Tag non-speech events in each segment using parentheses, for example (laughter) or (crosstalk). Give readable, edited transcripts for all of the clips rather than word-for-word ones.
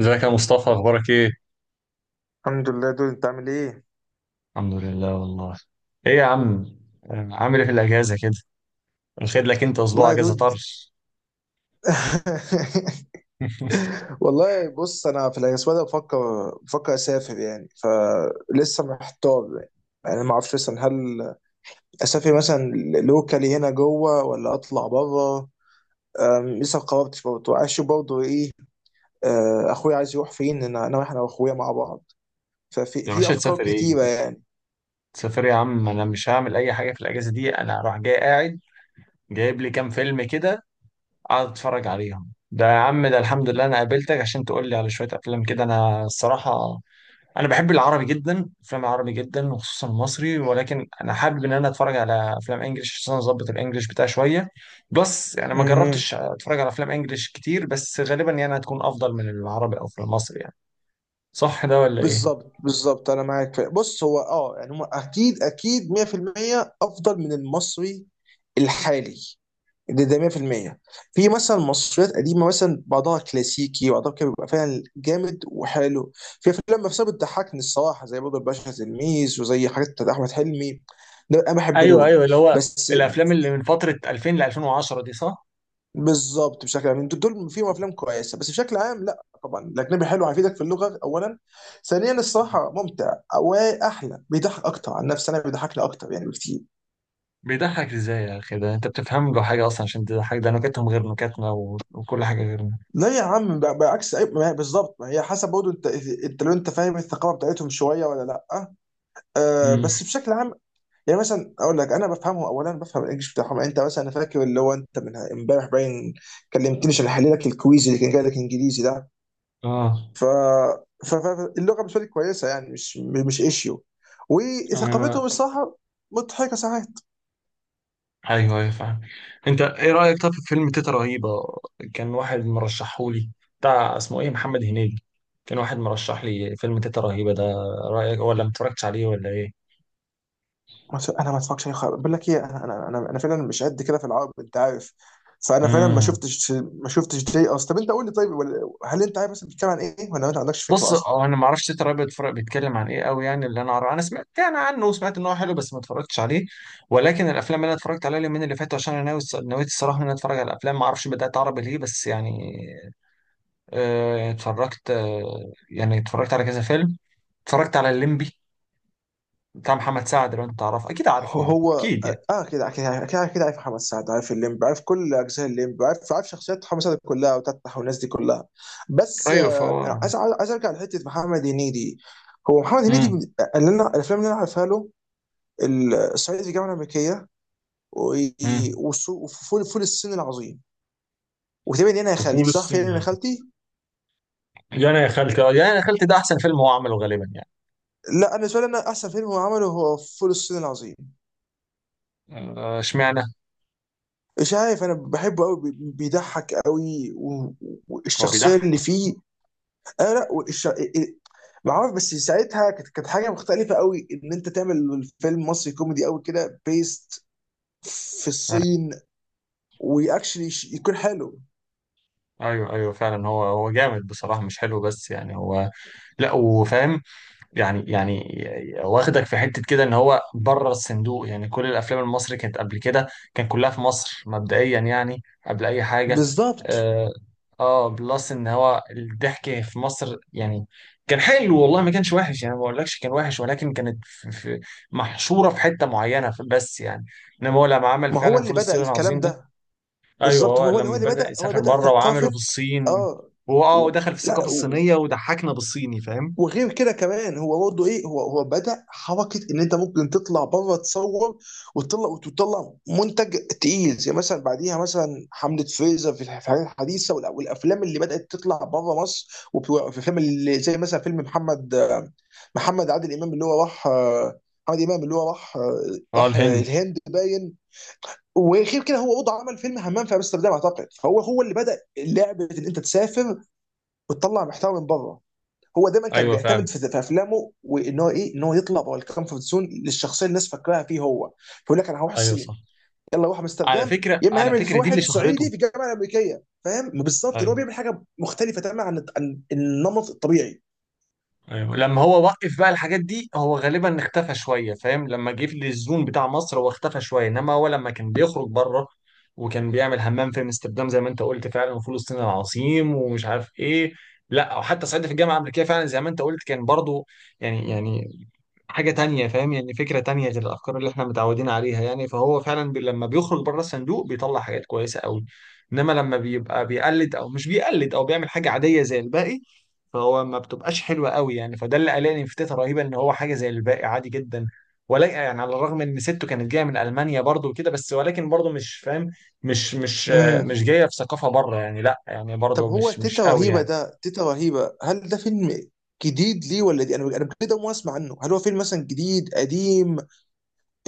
ازيك يا مصطفى، اخبارك ايه؟ الحمد لله. دول انت عامل ايه؟ الحمد لله والله. ايه يا عم. عامل ايه في الاجازه كده؟ واخد لك انت اسبوع والله يا اجازه دود. طرش. (laughs) (laughs) والله بص، انا في الاسبوع ده بفكر اسافر يعني، فلسه محتار يعني، يعني ما اعرفش مثلا، هل اسافر مثلا لوكالي هنا جوه ولا اطلع بره؟ لسه ما قررتش، برضه عايز اشوف برضه ايه. اخويا عايز يروح فين؟ انا رايح انا واخويا مع بعض، ففي يا في باشا افكار تسافر كتيره ايه؟ يعني. تسافر إيه يا عم؟ انا مش هعمل اي حاجه في الاجازه دي، انا هروح جاي قاعد. جايب لي كام فيلم كده اقعد اتفرج عليهم. ده يا عم، ده الحمد لله انا قابلتك عشان تقول لي على شويه افلام كده. انا الصراحه انا بحب العربي جدا، افلام العربي جدا، وخصوصا المصري، ولكن انا حابب ان انا اتفرج على افلام انجليش عشان اظبط الانجليش بتاعي شويه. بس يعني ما مهم. جربتش اتفرج على افلام انجليش كتير، بس غالبا يعني هتكون افضل من العربي او في المصري يعني. صح ده ولا ايه؟ بالظبط بالظبط، انا معاك. في بص هو اه يعني، هم اكيد اكيد 100% افضل من المصري الحالي، ده ده 100% في المية. في مثلا مصريات قديمه، مثلا بعضها كلاسيكي وبعضها كده بيبقى فعلا جامد وحلو، في افلام نفسها بتضحكني الصراحه، زي برضه الباشا تلميذ، وزي حاجات بتاعت احمد حلمي، ده انا بحب ايوه، دول. ايوه، اللي هو بس الافلام اللي من فتره 2000 ل 2010 دي، صح؟ بالظبط، بشكل عام انتوا دول فيهم افلام كويسه، بس بشكل عام لا، طبعا الاجنبي حلو، هيفيدك في اللغه اولا، ثانيا الصراحه ممتع واحلى، بيضحك اكتر. عن نفسي انا بيضحكني اكتر يعني بكتير. بيضحك ازاي يا اخي؟ ده انت بتفهم له حاجه اصلا عشان تضحك؟ ده نكتهم غير نكتنا وكل حاجه غيرنا. لا يا عم، بعكس ما هي بالظبط، ما هي حسب برضه انت، انت لو انت فاهم الثقافه بتاعتهم شويه ولا لا. آه امم. بس بشكل عام يعني، مثلا اقول لك انا بفهمه، اولا بفهم الانجليش بتاعهم يعني. انت مثلا، انا فاكر اللي هو انت من امبارح باين كلمتني عشان احلل لك الكويز اللي كان جاي لك انجليزي ده. اه، ف... فاللغه بالنسبه لي كويسه يعني، مش ايشيو. ايوه، وثقافتهم الصراحه مضحكه ساعات. ايوه، ايوه، فاهم. انت ايه رايك طب في فيلم تيتا رهيبه؟ كان واحد مرشحهولي، بتاع اسمه ايه، محمد هنيدي. كان واحد مرشح لي فيلم تيتا رهيبه ده. رايك، ولا ما اتفرجتش عليه ولا ايه؟ ما ت- انا ما اتفرجش عليه خالص. بقول لك ايه، انا فعلا مش قد كده في العرب، انت عارف. فانا فعلا ما امم. شفتش ما شفتش دي اصلا. طب انت قول لي طيب، هل انت عارف اصلا بتتكلم عن ايه، ولا انت ما عندكش فكره بص، اصلا؟ اه، انا ما اعرفش تيتا رهيبه بيتفرج بيتكلم عن ايه قوي يعني. اللي انا اعرفه انا سمعت يعني عنه وسمعت ان هو حلو بس ما اتفرجتش عليه. ولكن الافلام اللي انا اتفرجت عليها اليومين اللي فاتوا، عشان انا ناوي نويت الصراحه ان انا اتفرج على الافلام، ما اعرفش بدات عربي ليه بس يعني. اتفرجت، يعني اتفرجت على كذا فيلم. اتفرجت على الليمبي بتاع محمد سعد، لو انت تعرفه اكيد عارفه يعني، هو اكيد يعني. اه، كده عارف محمد سعد، عارف الليمب، عارف كل اجزاء الليمب، عارف شخصيات محمد سعد كلها وتتح والناس دي كلها. بس ايوه آه، أنا فهو. عايز ارجع لحته محمد هنيدي. هو محمد امم. اللي انا الافلام اللي انا عارفها له، الصعيدي في الجامعه الامريكيه، و- امم. وفول، فول الصين العظيم، وتقريبا انا يا فول خالتي صح، فين الصين انا يا يعني. خالتي. يعني يا خالتي، يعني يا خالتي، ده احسن فيلم هو عمله غالبا يعني. لا انا بالنسبه لي، انا احسن فيلم هو عمله هو فول الصين العظيم. اشمعنى؟ مش عارف، انا بحبه قوي، بيضحك قوي، هو والشخصيه بيضحك. اللي فيه. اه لا ما عارف، بس ساعتها كانت حاجه مختلفه قوي ان انت تعمل فيلم مصري كوميدي قوي كده بيست في آه، الصين، واكشلي يكون حلو. ايوه، ايوه فعلا، هو جامد بصراحه، مش حلو بس يعني هو. لا وفاهم. يعني واخدك في حتة كده ان هو بره الصندوق. يعني كل الافلام المصري كانت قبل كده كان كلها في مصر مبدئيا يعني قبل اي حاجة. بالظبط، اه. بلس ان هو الضحك في مصر يعني كان حلو، والله ما كانش وحش يعني، ما بقولكش كان وحش، ولكن كانت في محشورة في حتة معينة، بس يعني انما هو لما عمل ما هو فعلا اللي فول بدأ الصين العظيم الكلام ده. ده. ايوه، بالظبط، هو هو اللي لما هو اللي بدأ بدأ هو اللي يسافر بدأ بره وعمله في ثقافه. الصين. اه. واه، و... ودخل في لا، الثقافة الصينية وضحكنا بالصيني، فاهم. وغير كده كمان هو برضه ايه، هو بدأ حركه ان انت ممكن تطلع بره تصور، وتطلع منتج تقيل، زي مثلا بعديها مثلا حمله فريزر في في الحاجات الحديثه، والافلام اللي بدأت تطلع بره مصر، وفي فيلم اللي زي مثلا فيلم محمد عادل امام اللي هو راح، محمد امام اللي هو راح اه، الهند. الهند باين. وغير كده، هو برضه عمل فيلم همام في امستردام اعتقد. فهو هو اللي بدأ لعبه ان انت تسافر وتطلع محتوى من بره. هو دايما كان ايوه فعلا، بيعتمد في افلامه وان هو ايه، ان هو يطلع بره الكومفورت زون للشخصيه اللي الناس فاكراها فيه هو. فيقول لك انا هروح ايوه الصين، صح. يلا روح على امستردام فكره يا اما، على يعمل في فكره دي واحد اللي صعيدي شهرته. في الجامعه الامريكيه، فاهم؟ بالظبط ان هو ايوه، بيعمل حاجه مختلفه تماما عن النمط الطبيعي. ايوه لما هو وقف بقى الحاجات دي هو غالبا اختفى شويه، فاهم؟ لما جه في الزون بتاع مصر هو اختفى شويه، انما هو لما كان بيخرج بره، وكان بيعمل حمام في امستردام زي ما انت قلت فعلا، وفلسطين العظيم، ومش عارف ايه. لا، وحتى صعيدي في الجامعه الامريكيه فعلا زي ما انت قلت كان برضو. يعني حاجه تانية، فاهم؟ يعني فكره تانية غير الافكار اللي احنا متعودين عليها يعني. فهو فعلا بي لما بيخرج بره الصندوق بيطلع حاجات كويسه قوي. انما لما بيبقى بيقلد او مش بيقلد او بيعمل حاجه عاديه زي الباقي، فهو ما بتبقاش حلوه قوي يعني. فده اللي قلقني في تيتا رهيبه ان هو حاجه زي الباقي عادي جدا. ولكن يعني على الرغم ان سته كانت جايه من المانيا برضو وكده، بس ولكن برضو مش فاهم. مش مش آه، امم. مش جايه في ثقافه بره يعني، لا يعني طب برضو هو مش تيتا قوي رهيبه يعني. ده، تيتا رهيبه هل ده فيلم جديد ليه، ولا دي انا كده ما اسمع عنه؟ هل هو فيلم مثلا جديد قديم؟ إيه-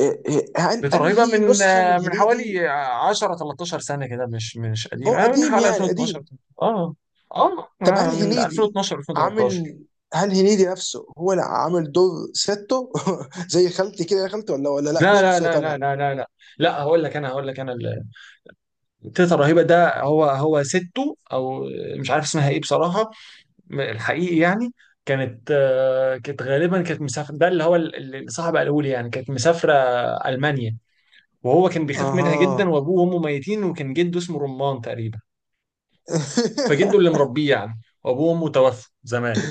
تيتا رهيبه انهي من نسخه من من هنيدي؟ حوالي 10 13 سنه كده، مش هو قديمه، من قديم حوالي يعني 2012. قديم؟ اه، اه، طب هل من هنيدي 2012 2013. عامل، هل هنيدي نفسه هو اللي عامل دور ستو (laughs) زي خالتي كده يا خالتي؟ ولا لا دي لا، لا، شخصية لا، لا، تانية. لا، لا، لا. لا، هقول لك انا. تيتا رهيبة ده هو سته، أو مش عارف اسمها إيه بصراحة، الحقيقي يعني. كانت، كانت غالبا كانت مسافرة، ده اللي هو اللي صاحب الأولي يعني، كانت مسافرة ألمانيا. وهو كان بيخاف منها جدا، اها. وأبوه وأمه ميتين، وكان جده اسمه رمان تقريبا. فجده اللي (laughs) مربيه يعني، وأبوه وأمه توفوا زمان.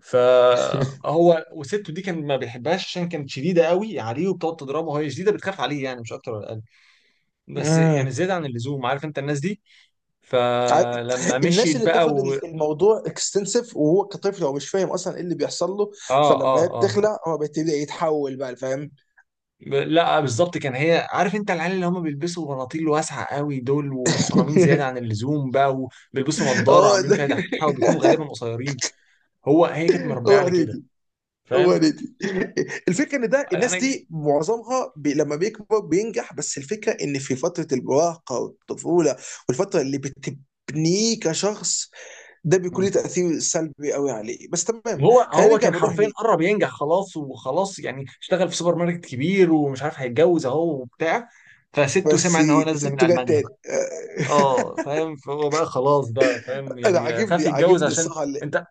فهو وسته دي كان ما بيحبهاش عشان كانت شديده قوي عليه وبتقعد تضربه، وهي شديده بتخاف عليه يعني، مش اكتر ولا اقل، بس امم. يعني زياده عن اللزوم، عارف انت الناس دي. عارف- فلما الناس مشيت اللي بقى بتاخد الموضوع اكستنسيف، وهو كطفل هو مش فاهم اصلا ايه اللي بيحصل له. اه، اه، فلما هي اه. بتخلق، هو بيبتدي يتحول بقى، فاهم؟ لا، بالظبط، كان هي، عارف انت العيال اللي هم بيلبسوا بناطيل واسعه قوي دول ومحترمين زياده عن (laughs) اللزوم بقى، وبيلبسوا نضاره اه وعاملين فيها دحيحه وبيكونوا غالبا قصيرين. هو هي كانت مربيه هو على كده، هنيدي. هو فاهم. دي، دي الفكره، ان ده الناس انا. دي معظمها بي لما بيكبر بينجح، بس الفكره ان في فتره المراهقه والطفوله والفتره اللي بتبنيه كشخص، ده بيكون مم. له تاثير سلبي قوي عليه. بس تمام، هو خلينا هو نرجع كان لموضوع حرفيا هنيدي. قرب ينجح خلاص وخلاص يعني، اشتغل في سوبر ماركت كبير ومش عارف، هيتجوز اهو وبتاع. فسته بس سمع ان هو نازله من سته جت المانيا تاني. بقى. اه، فاهم، فهو بقى خلاص بقى، فاهم (laughs) انا يعني خاف عاجبني يتجوز عاجبني عشان. الصراحه انت.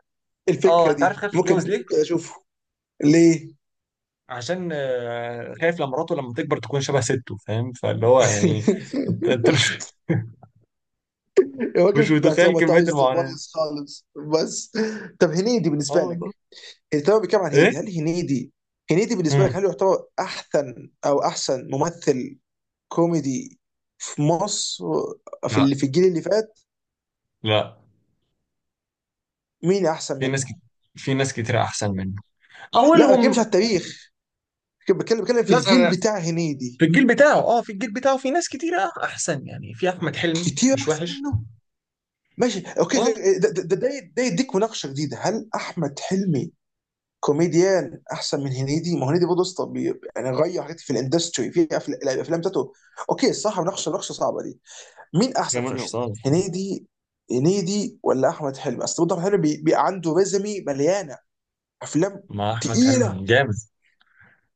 اه، الفكره انت عارف دي، خايف ممكن يتجوز ليه؟ ممكن اشوفه. ليه؟ عشان خايف لما مراته لما تكبر تكون شبه سته، فاهم، فاللي هو يعني. انت (laughs) انت مش. (laughs) الراجل مش متخيل كمية بتروماتايزد المعاناة. وبايظ خالص. بس. طب هنيدي اه بالنسبه لك، والله. التمام بيتكلم عن ايه؟ هنيدي، هل هنيدي، هنيدي بالنسبه لك مم. هل يعتبر احسن او احسن ممثل كوميدي في مصر، في لا. اللي في الجيل اللي فات؟ لا. مين احسن في ناس كت... منه؟ في ناس كتير احسن منه، لا ما بتكلمش على اولهم. التاريخ، بتكلم في لا. الجيل بتاع هنيدي. في الجيل بتاعه في ناس كتير احسن يعني، في احمد حلمي كتير مش احسن وحش. منه؟ ماشي، أوكي. اه، ده يديك مناقشه جديده، هل احمد حلمي كوميديان احسن من هنيدي؟ ما هو هنيدي برضه اسطى يعني، غير حاجات في الاندستري في الافلام بتاعته. اوكي، الصراحه مناقشه صعبه دي. مين احسن جمال اشرف فيهم، صالح. هنيدي، هنيدي ولا احمد حلمي؟ اصل برضه احمد حلمي عنده ريزمي مليانه افلام مع احمد تقيله، حلمي جامد.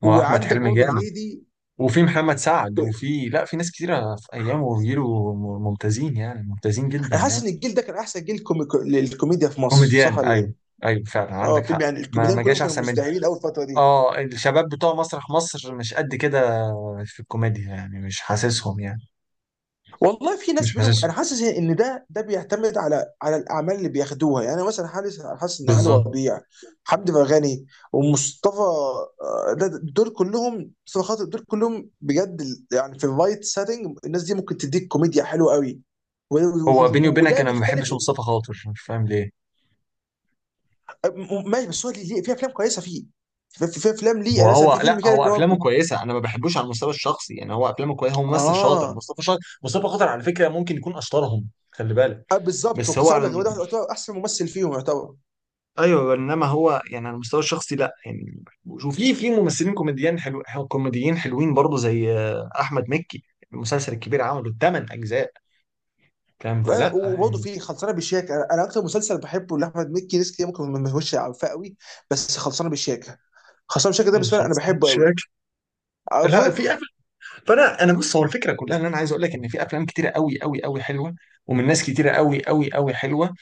مع احمد وعندك حلمي برضه جامد. هنيدي. وفي محمد سعد، وفي لا في ناس كتيرة في أيامه وجيله ممتازين يعني، ممتازين جدا انا حاسس ان يعني. الجيل ده كان احسن جيل للكوميديا في مصر، صح كوميديان، ولا أيوه. ايه؟ أيوه فعلا اه عندك فيلم حق، يعني، ما الكوميديان ما كلهم جاش كانوا أحسن منه. مزدهرين اول فتره دي. أه، الشباب بتوع مسرح مصر مش قد كده في الكوميديا يعني، مش حاسسهم يعني. والله في مش ناس منهم، حاسسهم. انا حاسس ان ده بيعتمد على الاعمال اللي بياخدوها يعني. انا مثلا حاسس ان علي بالظبط. ربيع، حمدي فرغني، ومصطفى، دول كلهم، مصطفى خاطر، دول كلهم بجد يعني في الرايت سيتنج، الناس دي ممكن تديك كوميديا حلوه قوي. هو بيني وبينك وده أنا ما بيختلف. بحبش مصطفى خاطر، مش فاهم ليه. ماشي، بس هو في افلام كويسه فيه، في افلام ليه، هو يعني مثلا هو في لا، فيلم كده هو اللي افلامه هو، كويسه، انا ما بحبوش على المستوى الشخصي يعني. هو افلامه كويسه، هو ممثل شاطر، اه. مصطفى شاطر، مصطفى خاطر على فكره ممكن يكون اشطرهم، خلي بالك. آه بالظبط، بس وكنت هو لسه هقول على. لك هو ده يعتبر احسن ممثل فيهم يعتبر. ايوه انما هو يعني على المستوى الشخصي لا يعني. وفي ممثلين كوميديان، حلو كوميديين حلوين برضه، زي احمد مكي. المسلسل الكبير عمله ثمان اجزاء، فاهم، فلا وبرضه يعني. في خلصانه بالشياكه، انا اكتر مسلسل بحبه لاحمد مكي، ناس كتير ممكن ما يهوش عارفاه قوي، بس خلصانه بالشياكه، خلصانه بالشياكه ده إيه، بالنسبه لي انا خلصان بحبه مش قوي، فاكر. عارفه. لا، في أفلام. فانا بص، هو الفكره كلها ان انا عايز اقول لك ان في افلام كتيره قوي قوي قوي حلوه، ومن ناس كتيره قوي قوي قوي حلوه.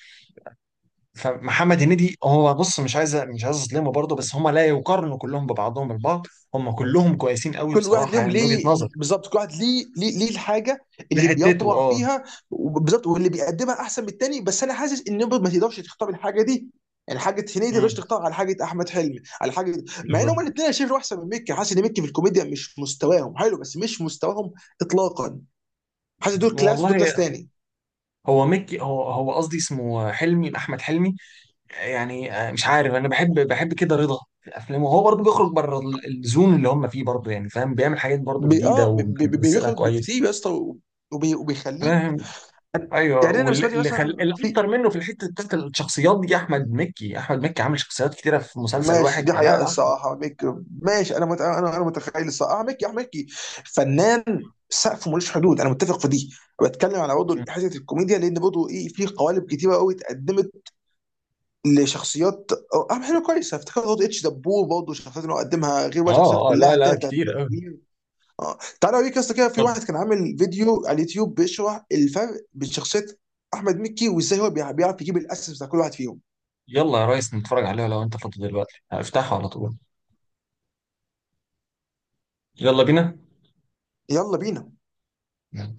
فمحمد هنيدي هو، بص، مش عايز اظلمه برضه، بس هم لا يقارنوا كلهم ببعضهم البعض، هم كلهم كويسين قوي كل واحد بصراحه ليهم يعني، من وجهه ليه. نظر بالظبط، كل واحد ليه، ليه الحاجه اللي لحتته، بيطبع اه. فيها. بالظبط، واللي بيقدمها احسن من التاني. بس انا حاسس ان برضه ما تقدرش تختار الحاجه دي، يعني حاجه هنيدي ما تقدرش امم. تختار على حاجه احمد حلمي على حاجه، مع ان بالظبط. هما الاثنين انا شايف احسن من مكي. حاسس ان مكي في الكوميديا مش مستواهم حلو، بس مش مستواهم اطلاقا، حاسس دول كلاس ودول كلاس والله. تاني. هو مكي هو قصدي اسمه حلمي، احمد حلمي. يعني مش عارف، انا بحب كده رضا في افلامه، هو برضه بيخرج بره ال- الزون اللي هم فيه برضه، يعني فاهم؟ بيعمل حاجات برضه بي جديده اه وبيمثلها بيخرج كويس، بكتير يا اسطى، وبيخليه. فاهم. ايوه، يعني انا بالنسبه لي مثلا في، الاكتر منه في الحته بتاعت الشخصيات دي احمد مكي عامل شخصيات كتيره في مسلسل ماشي واحد، دي فلا حقيقه لا احمد. الصراحه ميك، ماشي انا انا متخيل الصراحه ميكي، احمد ميكي فنان سقفه ملوش حدود، انا متفق في دي. بتكلم على برضه مم. حته الكوميديا، لان برضه ايه، في قوالب كتيره قوي اتقدمت لشخصيات. اهم حاجه كويسه افتكر برضه اتش دبور، برضه الشخصيات اللي هو قدمها غير بقى، شخصيات اه، اه، لا، كلها لا، تانية بتاعت. كتير أوي. اه تعالى اوريك يا اسطى، كده في طب، واحد كان عامل فيديو على اليوتيوب بيشرح الفرق بين شخصيه احمد مكي، وازاي هو بيعرف يجيب الاسس بتاع كل واحد فيهم. يلا يا ريس نتفرج عليها لو انت فاضي دلوقتي، هفتحه على طول. يلا بينا. يلا بينا.